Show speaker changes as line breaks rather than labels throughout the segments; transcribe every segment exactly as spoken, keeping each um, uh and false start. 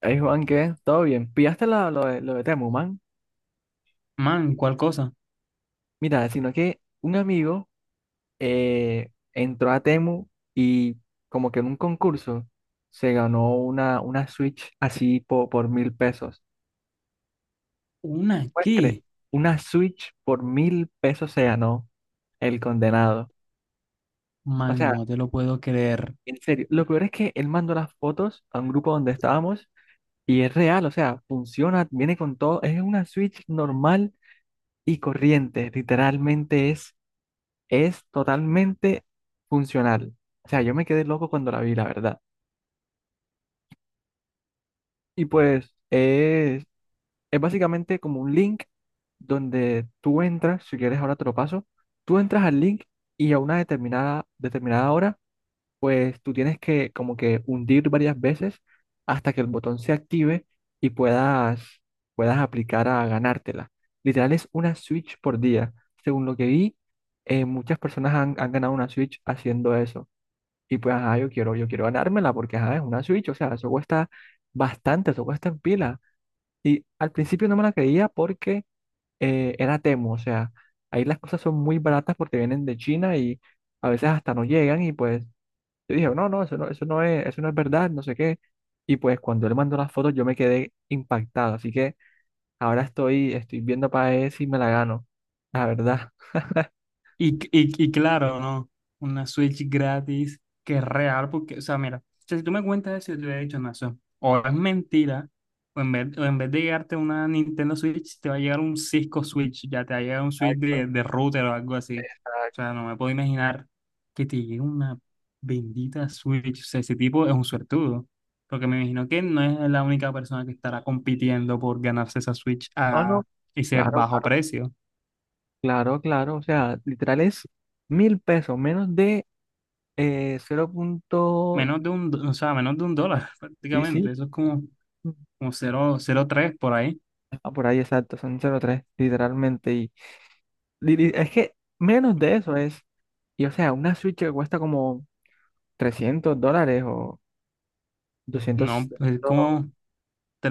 Ay Juan, ¿qué? ¿Todo bien? ¿Pillaste la- lo, de, lo de Temu, man?
Man, ¿cuál cosa?
Mira, sino que un amigo eh, entró a Temu y como que en un concurso se ganó una, una Switch así po- por mil pesos.
¿Una
¿Puedes creer?
qué?
Una Switch por mil pesos se ganó el condenado. O
Man,
sea,
no te lo puedo creer.
en serio, lo peor es que él mandó las fotos a un grupo donde estábamos y es real, o sea, funciona, viene con todo, es una Switch normal y corriente, literalmente es es totalmente funcional. O sea, yo me quedé loco cuando la vi, la verdad. Y pues es, es básicamente como un link donde tú entras, si quieres ahora te lo paso, tú entras al link y a una determinada, determinada hora, pues tú tienes que como que hundir varias veces hasta que el botón se active y puedas, puedas aplicar a ganártela. Literal es una Switch por día. Según lo que vi, eh, muchas personas han han ganado una Switch haciendo eso. Y pues, ajá, yo quiero, yo quiero ganármela porque, ajá, es una Switch, o sea, eso cuesta bastante, eso cuesta en pila. Y al principio no me la creía porque eh, era Temu, o sea, ahí las cosas son muy baratas porque vienen de China y a veces hasta no llegan y pues yo dije, no, no, eso no, eso no es, eso no es verdad, no sé qué. Y pues cuando él mandó las fotos yo me quedé impactado, así que ahora estoy, estoy viendo para ver si me la gano, la verdad.
Y, y, y claro, ¿no? Una Switch gratis que es real, porque, o sea, mira, o sea, si tú me cuentas eso, yo te hubiera dicho, no, eso o es mentira, o en vez, o en vez de llegarte una Nintendo Switch, te va a llegar un Cisco Switch, ya te va a llegar un Switch
Exacto,
de, de router o algo así. O sea,
exacto.
no me puedo imaginar que te llegue una bendita Switch. O sea, ese tipo es un suertudo, porque me imagino que no es la única persona que estará compitiendo por ganarse esa Switch
No, no,
a ese
claro,
bajo
claro.
precio.
Claro, claro, o sea, literal es mil pesos, menos de eh, cero. punto-
Menos de un, do- o sea, menos de un dólar
Sí, sí,
prácticamente. Eso es como, como cero cero tres por ahí.
ah, por ahí exacto, son cero punto tres, literalmente. Y, li- li- es que menos de eso es, y o sea, una Switch que cuesta como trescientos dólares o doscientos
No, es como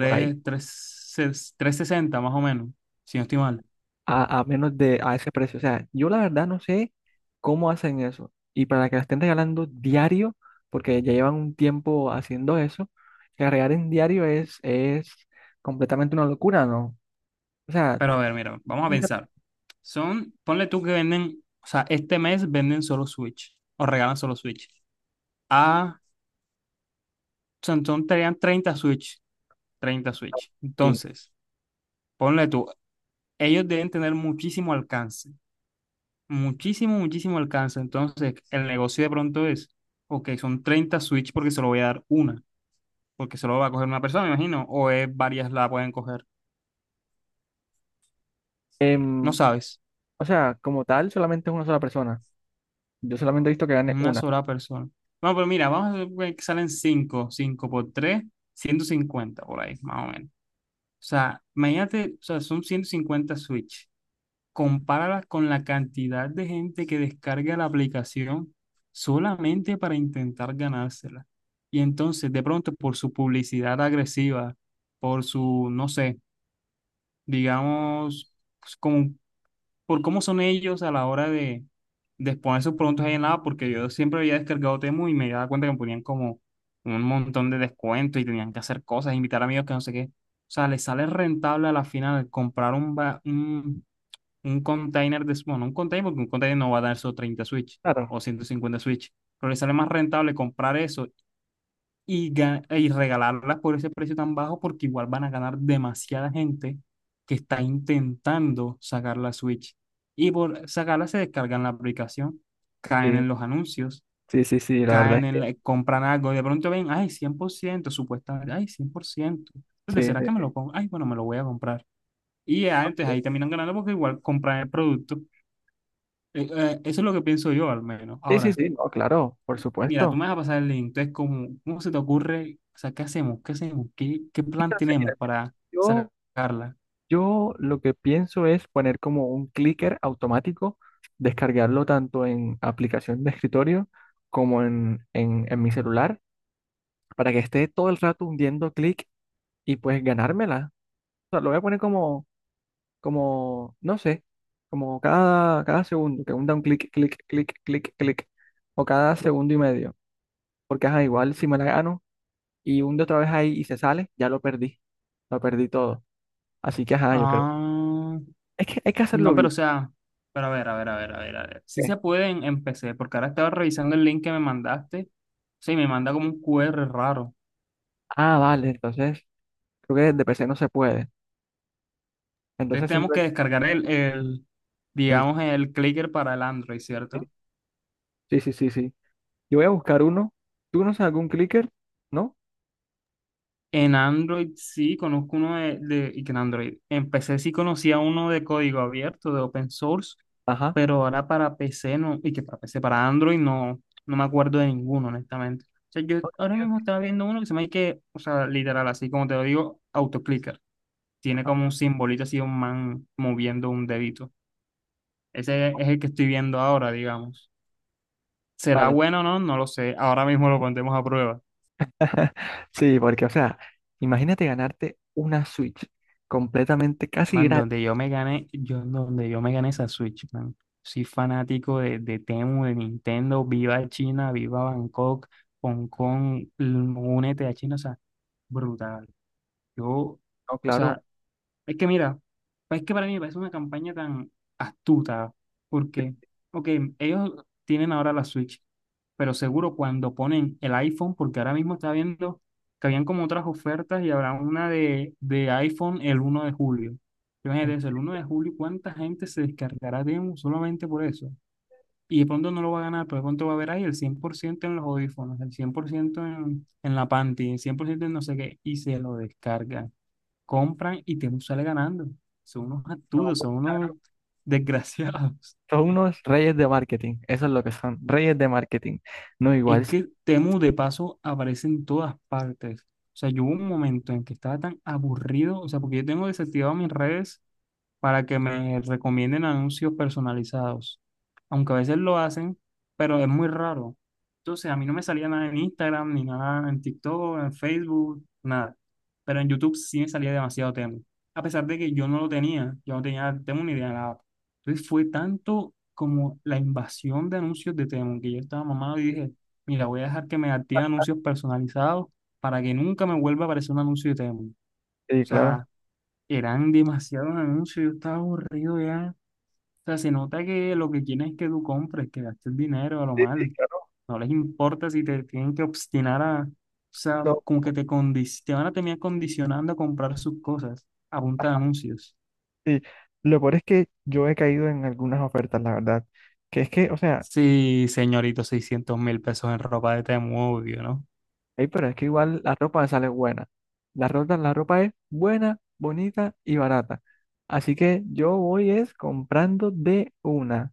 por
tres sesenta más o menos, si no estoy mal.
a, a menos de a ese precio. O sea, yo la verdad no sé cómo hacen eso. Y para que la estén regalando diario, porque ya llevan un tiempo haciendo eso, que la regalen diario es, es completamente una locura, ¿no? O sea,
Pero a ver, mira, vamos a
nunca-
pensar. Son, ponle tú que venden, o sea, este mes venden solo Switch o regalan solo Switch. Ah, son, son tenían treinta Switch, treinta Switch.
sí.
Entonces, ponle tú, ellos deben tener muchísimo alcance. Muchísimo, muchísimo alcance. Entonces, el negocio de pronto es, ok, son treinta Switch porque se lo voy a dar una, porque solo va a coger una persona, me imagino, o es varias la pueden coger. No
Em,
sabes,
o sea, como tal, solamente es una sola persona. Yo solamente he visto que gane
una
una.
sola persona. No, pero mira, vamos a ver que salen cinco cinco por tres ciento cincuenta por ahí, más o menos. O sea, imagínate, o sea, son ciento cincuenta Switch. Compáralas con la cantidad de gente que descarga la aplicación solamente para intentar ganársela. Y entonces, de pronto, por su publicidad agresiva, por su, no sé, digamos, pues, como- por cómo son ellos a la hora de, de exponer sus productos ahí en la app, porque yo siempre había descargado Temu y me daba cuenta que me ponían como un montón de descuentos y tenían que hacer cosas, invitar amigos que no sé qué. O sea, les sale rentable a la final comprar un, ba- un un container de, bueno, un container, porque un container no va a dar solo treinta Switch
Claro.
o ciento cincuenta Switch, pero le sale más rentable comprar eso y, y regalarlas por ese precio tan bajo porque igual van a ganar demasiada gente que está intentando sacar la Switch. Y por sacarla se descargan la aplicación, caen
Sí,
en los anuncios,
sí, sí, sí, la verdad
caen
es
en,
que
la- compran algo, y de pronto ven, ay, cien por ciento supuestamente, ay, cien por ciento. Entonces,
sí,
¿será que me
sí.
lo pongo? Ay, bueno, me lo voy a comprar. Y ya, entonces ahí terminan ganando porque igual compran el producto eh, eh, Eso es lo que pienso yo, al menos.
Sí, sí,
Ahora,
sí, no, claro, por
mira, tú
supuesto.
me vas a pasar el link. Entonces, ¿cómo, cómo se te ocurre? O sea, ¿qué hacemos? ¿Qué hacemos? ¿Qué, qué
Es que
plan
no sé, mira,
tenemos para
yo.
sacarla?
Yo lo que pienso es poner como un clicker automático, descargarlo tanto en aplicación de escritorio como en, en, en mi celular, para que esté todo el rato hundiendo clic y pues ganármela. O sea, lo voy a poner como, como, no sé, como cada, cada segundo, que hunda un clic, clic, clic, clic, clic, o cada segundo y medio. Porque ajá, igual si me la gano y hunde otra vez ahí y se sale, ya lo perdí, lo perdí todo. Así que ajá, yo creo,
Ah,
es que hay que hacerlo
no, pero
bien.
o sea, pero a ver, a ver, a ver, a ver, a ver. Sí se puede en, en, P C, porque ahora estaba revisando el link que me mandaste. Sí, me manda como un Q R raro.
Ah, vale, entonces creo que de P C no se puede.
Entonces,
Entonces
tenemos que
simplemente
descargar el, el
el...
digamos, el clicker para el Android, ¿cierto?
Sí, sí, sí, sí. Yo voy a buscar uno. ¿Tú no sabes algún clicker? ¿No?
En Android sí, conozco uno de, de- y que en Android. En P C sí conocía uno de código abierto, de open source,
Ajá.
pero ahora para P C no, y que para P C, para Android no, no me acuerdo de ninguno, honestamente. O sea, yo
Ok,
ahora
ok,
mismo estaba viendo uno que se me hay que, o sea, literal, así como te lo digo, autoclicker. Tiene
ajá.
como un simbolito así, un man moviendo un dedito. Ese es el que estoy viendo ahora, digamos. ¿Será
Vale.
bueno o no? No lo sé. Ahora mismo lo pondremos a prueba.
Sí, porque, o sea, imagínate ganarte una Switch completamente casi
Man,
gratis.
donde yo me gané, yo donde yo me gané esa Switch, man. Soy fanático de, de Temu, de Nintendo, viva China, viva Bangkok, Hong Kong, l- únete a China, o sea, brutal. Yo,
No,
o
claro.
sea, es que mira, pues es que para mí me parece una campaña tan astuta, porque, ok, ellos tienen ahora la Switch, pero seguro cuando ponen el iPhone, porque ahora mismo estaba viendo que habían como otras ofertas y habrá una de, de iPhone el uno de julio.
eh,
Imagínate eso, el uno de julio, ¿cuánta gente se descargará Demo solamente por eso? Y de pronto no lo va a ganar, pero de pronto va a haber ahí el cien por ciento en los audífonos, el cien por ciento en, en la panty, el cien por ciento en no sé qué, y se lo descarga compran y Temu sale ganando. Son unos
No,
absurdos,
pues,
son unos
claro.
desgraciados.
Son unos reyes de marketing. Eso es lo que son. Reyes de marketing. No, igual.
Es que Temu de paso aparece en todas partes. O sea, yo hubo un momento en que estaba tan aburrido, o sea, porque yo tengo desactivado mis redes para que me recomienden anuncios personalizados. Aunque a veces lo hacen, pero es muy raro. Entonces, a mí no me salía nada en Instagram, ni nada en TikTok, en Facebook, nada. Pero en YouTube sí me salía demasiado Temu. A pesar de que yo no lo tenía, yo no tenía Temu ni idea de nada. Entonces, fue tanto como la invasión de anuncios de Temu que yo estaba mamado y dije, mira, voy a dejar que me active anuncios personalizados para que nunca me vuelva a aparecer un anuncio de Temu. O
Sí, claro.
sea, eran demasiados anuncios, yo estaba aburrido ya. O sea, se nota que lo que quieren es que tú compres, que gastes dinero a lo
Sí, sí,
mal.
claro.
No les importa si te tienen que obstinar a, o sea,
Lo-
como que te, condi- te van a terminar condicionando a comprar sus cosas a punta de anuncios.
Sí, lo peor es que yo he caído en algunas ofertas, la verdad. Que es que, o sea,
Sí, señorito, seiscientos mil pesos en ropa de Temu, obvio, ¿no?
ey, pero es que igual la ropa sale buena. La ropa, la ropa es buena, bonita y barata. Así que yo voy es comprando de una.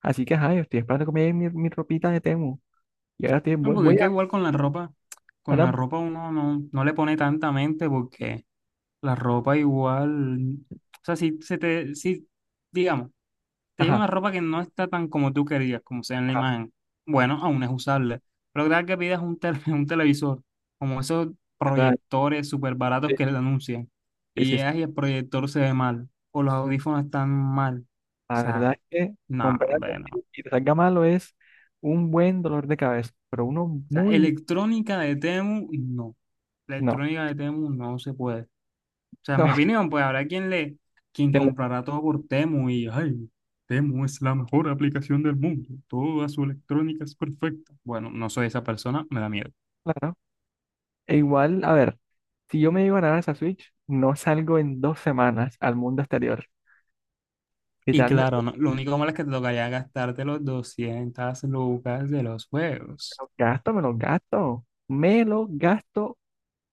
Así que, ajá, yo estoy esperando que me llegue mi, mi ropita de Temu. Y ahora estoy,
No,
voy,
porque es
voy
que
a,
igual con la ropa, con la
ahora,
ropa uno no, no le pone tanta mente porque la ropa igual, o sea, si se te, si, digamos, te llega una
ajá,
ropa que no está tan como tú querías, como sea en la
ajá,
imagen. Bueno, aún es usable. Pero cada que pidas un, tele- un televisor, como esos
¿verdad?
proyectores súper baratos
Sí,
que le anuncian,
sí,
y
sí, sí.
llegas y el proyector se ve mal, o los audífonos están mal. O
La verdad
sea,
es que
no,
comprar algo
hombre, no. O
así y te salga malo es un buen dolor de cabeza, pero uno
sea,
muy, no,
electrónica de Temu, no. La electrónica de Temu no se puede. O sea, en mi
no,
opinión, pues habrá quien le, quien
que le-
comprará todo por Temu y, ay, Temu es la mejor aplicación del mundo, toda su electrónica es perfecta. Bueno, no soy esa persona, me da miedo.
claro. E igual, a ver. Si yo me llego a ganar esa Switch, no salgo en dos semanas al mundo exterior. Y
Y
tal, me me
claro, no- lo único malo es que te tocaría gastarte los doscientas lucas de los juegos.
lo gasto, me lo gasto. Me lo gasto.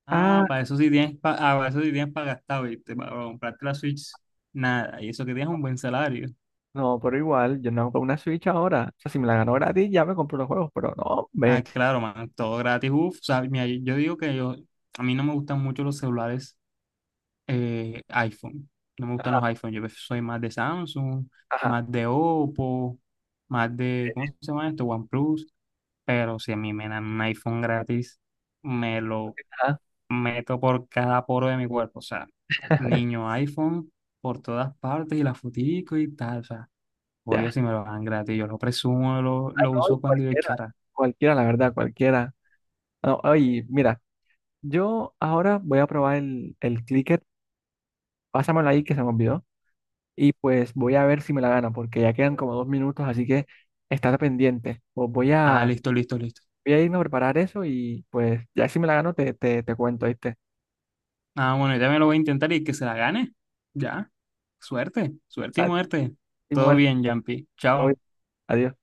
Ah,
Ah,
para eso sí tienes, pa- ah, para eso sí tienes para gastar, ¿viste? Para comprarte la Switch, nada, y eso que tienes un buen salario.
no, pero igual, yo no compro una Switch ahora. O sea, si me la gano gratis, ya me compro los juegos, pero no,
Ah,
me.
claro, man, todo gratis, uff, o sea, mira, yo digo que yo, a mí no me gustan mucho los celulares eh, iPhone. No me gustan
Ajá,
los iPhone. Yo soy más de Samsung,
ajá,
más de Oppo, más de, ¿cómo se llama esto? OnePlus. Pero si a mí me dan un iPhone gratis, me lo
ajá.
meto por cada poro de mi cuerpo. O sea, niño iPhone por todas partes y la fotico y tal. O sea, obvio
Ya.
si me lo dan gratis. Yo lo presumo, lo,
Ah,
lo
no, y
uso cuando yo
cualquiera.
quiera.
Cualquiera, la verdad, cualquiera. No, oye, mira, yo ahora voy a probar el, el clicker. Pásamelo ahí que se me olvidó. Y pues voy a ver si me la gano, porque ya quedan como dos minutos, así que estate pendiente. Pues voy
Ah,
a.
listo, listo, listo.
Voy a irme a preparar eso y pues ya si me la gano te, te, te cuento, ¿viste?
Ah, bueno, ya me lo voy a intentar y que se la gane. Ya. Suerte,
O
suerte y
sea,
muerte.
estoy
Todo
muerto
bien, Jampi.
hoy.
Chao.
Adiós.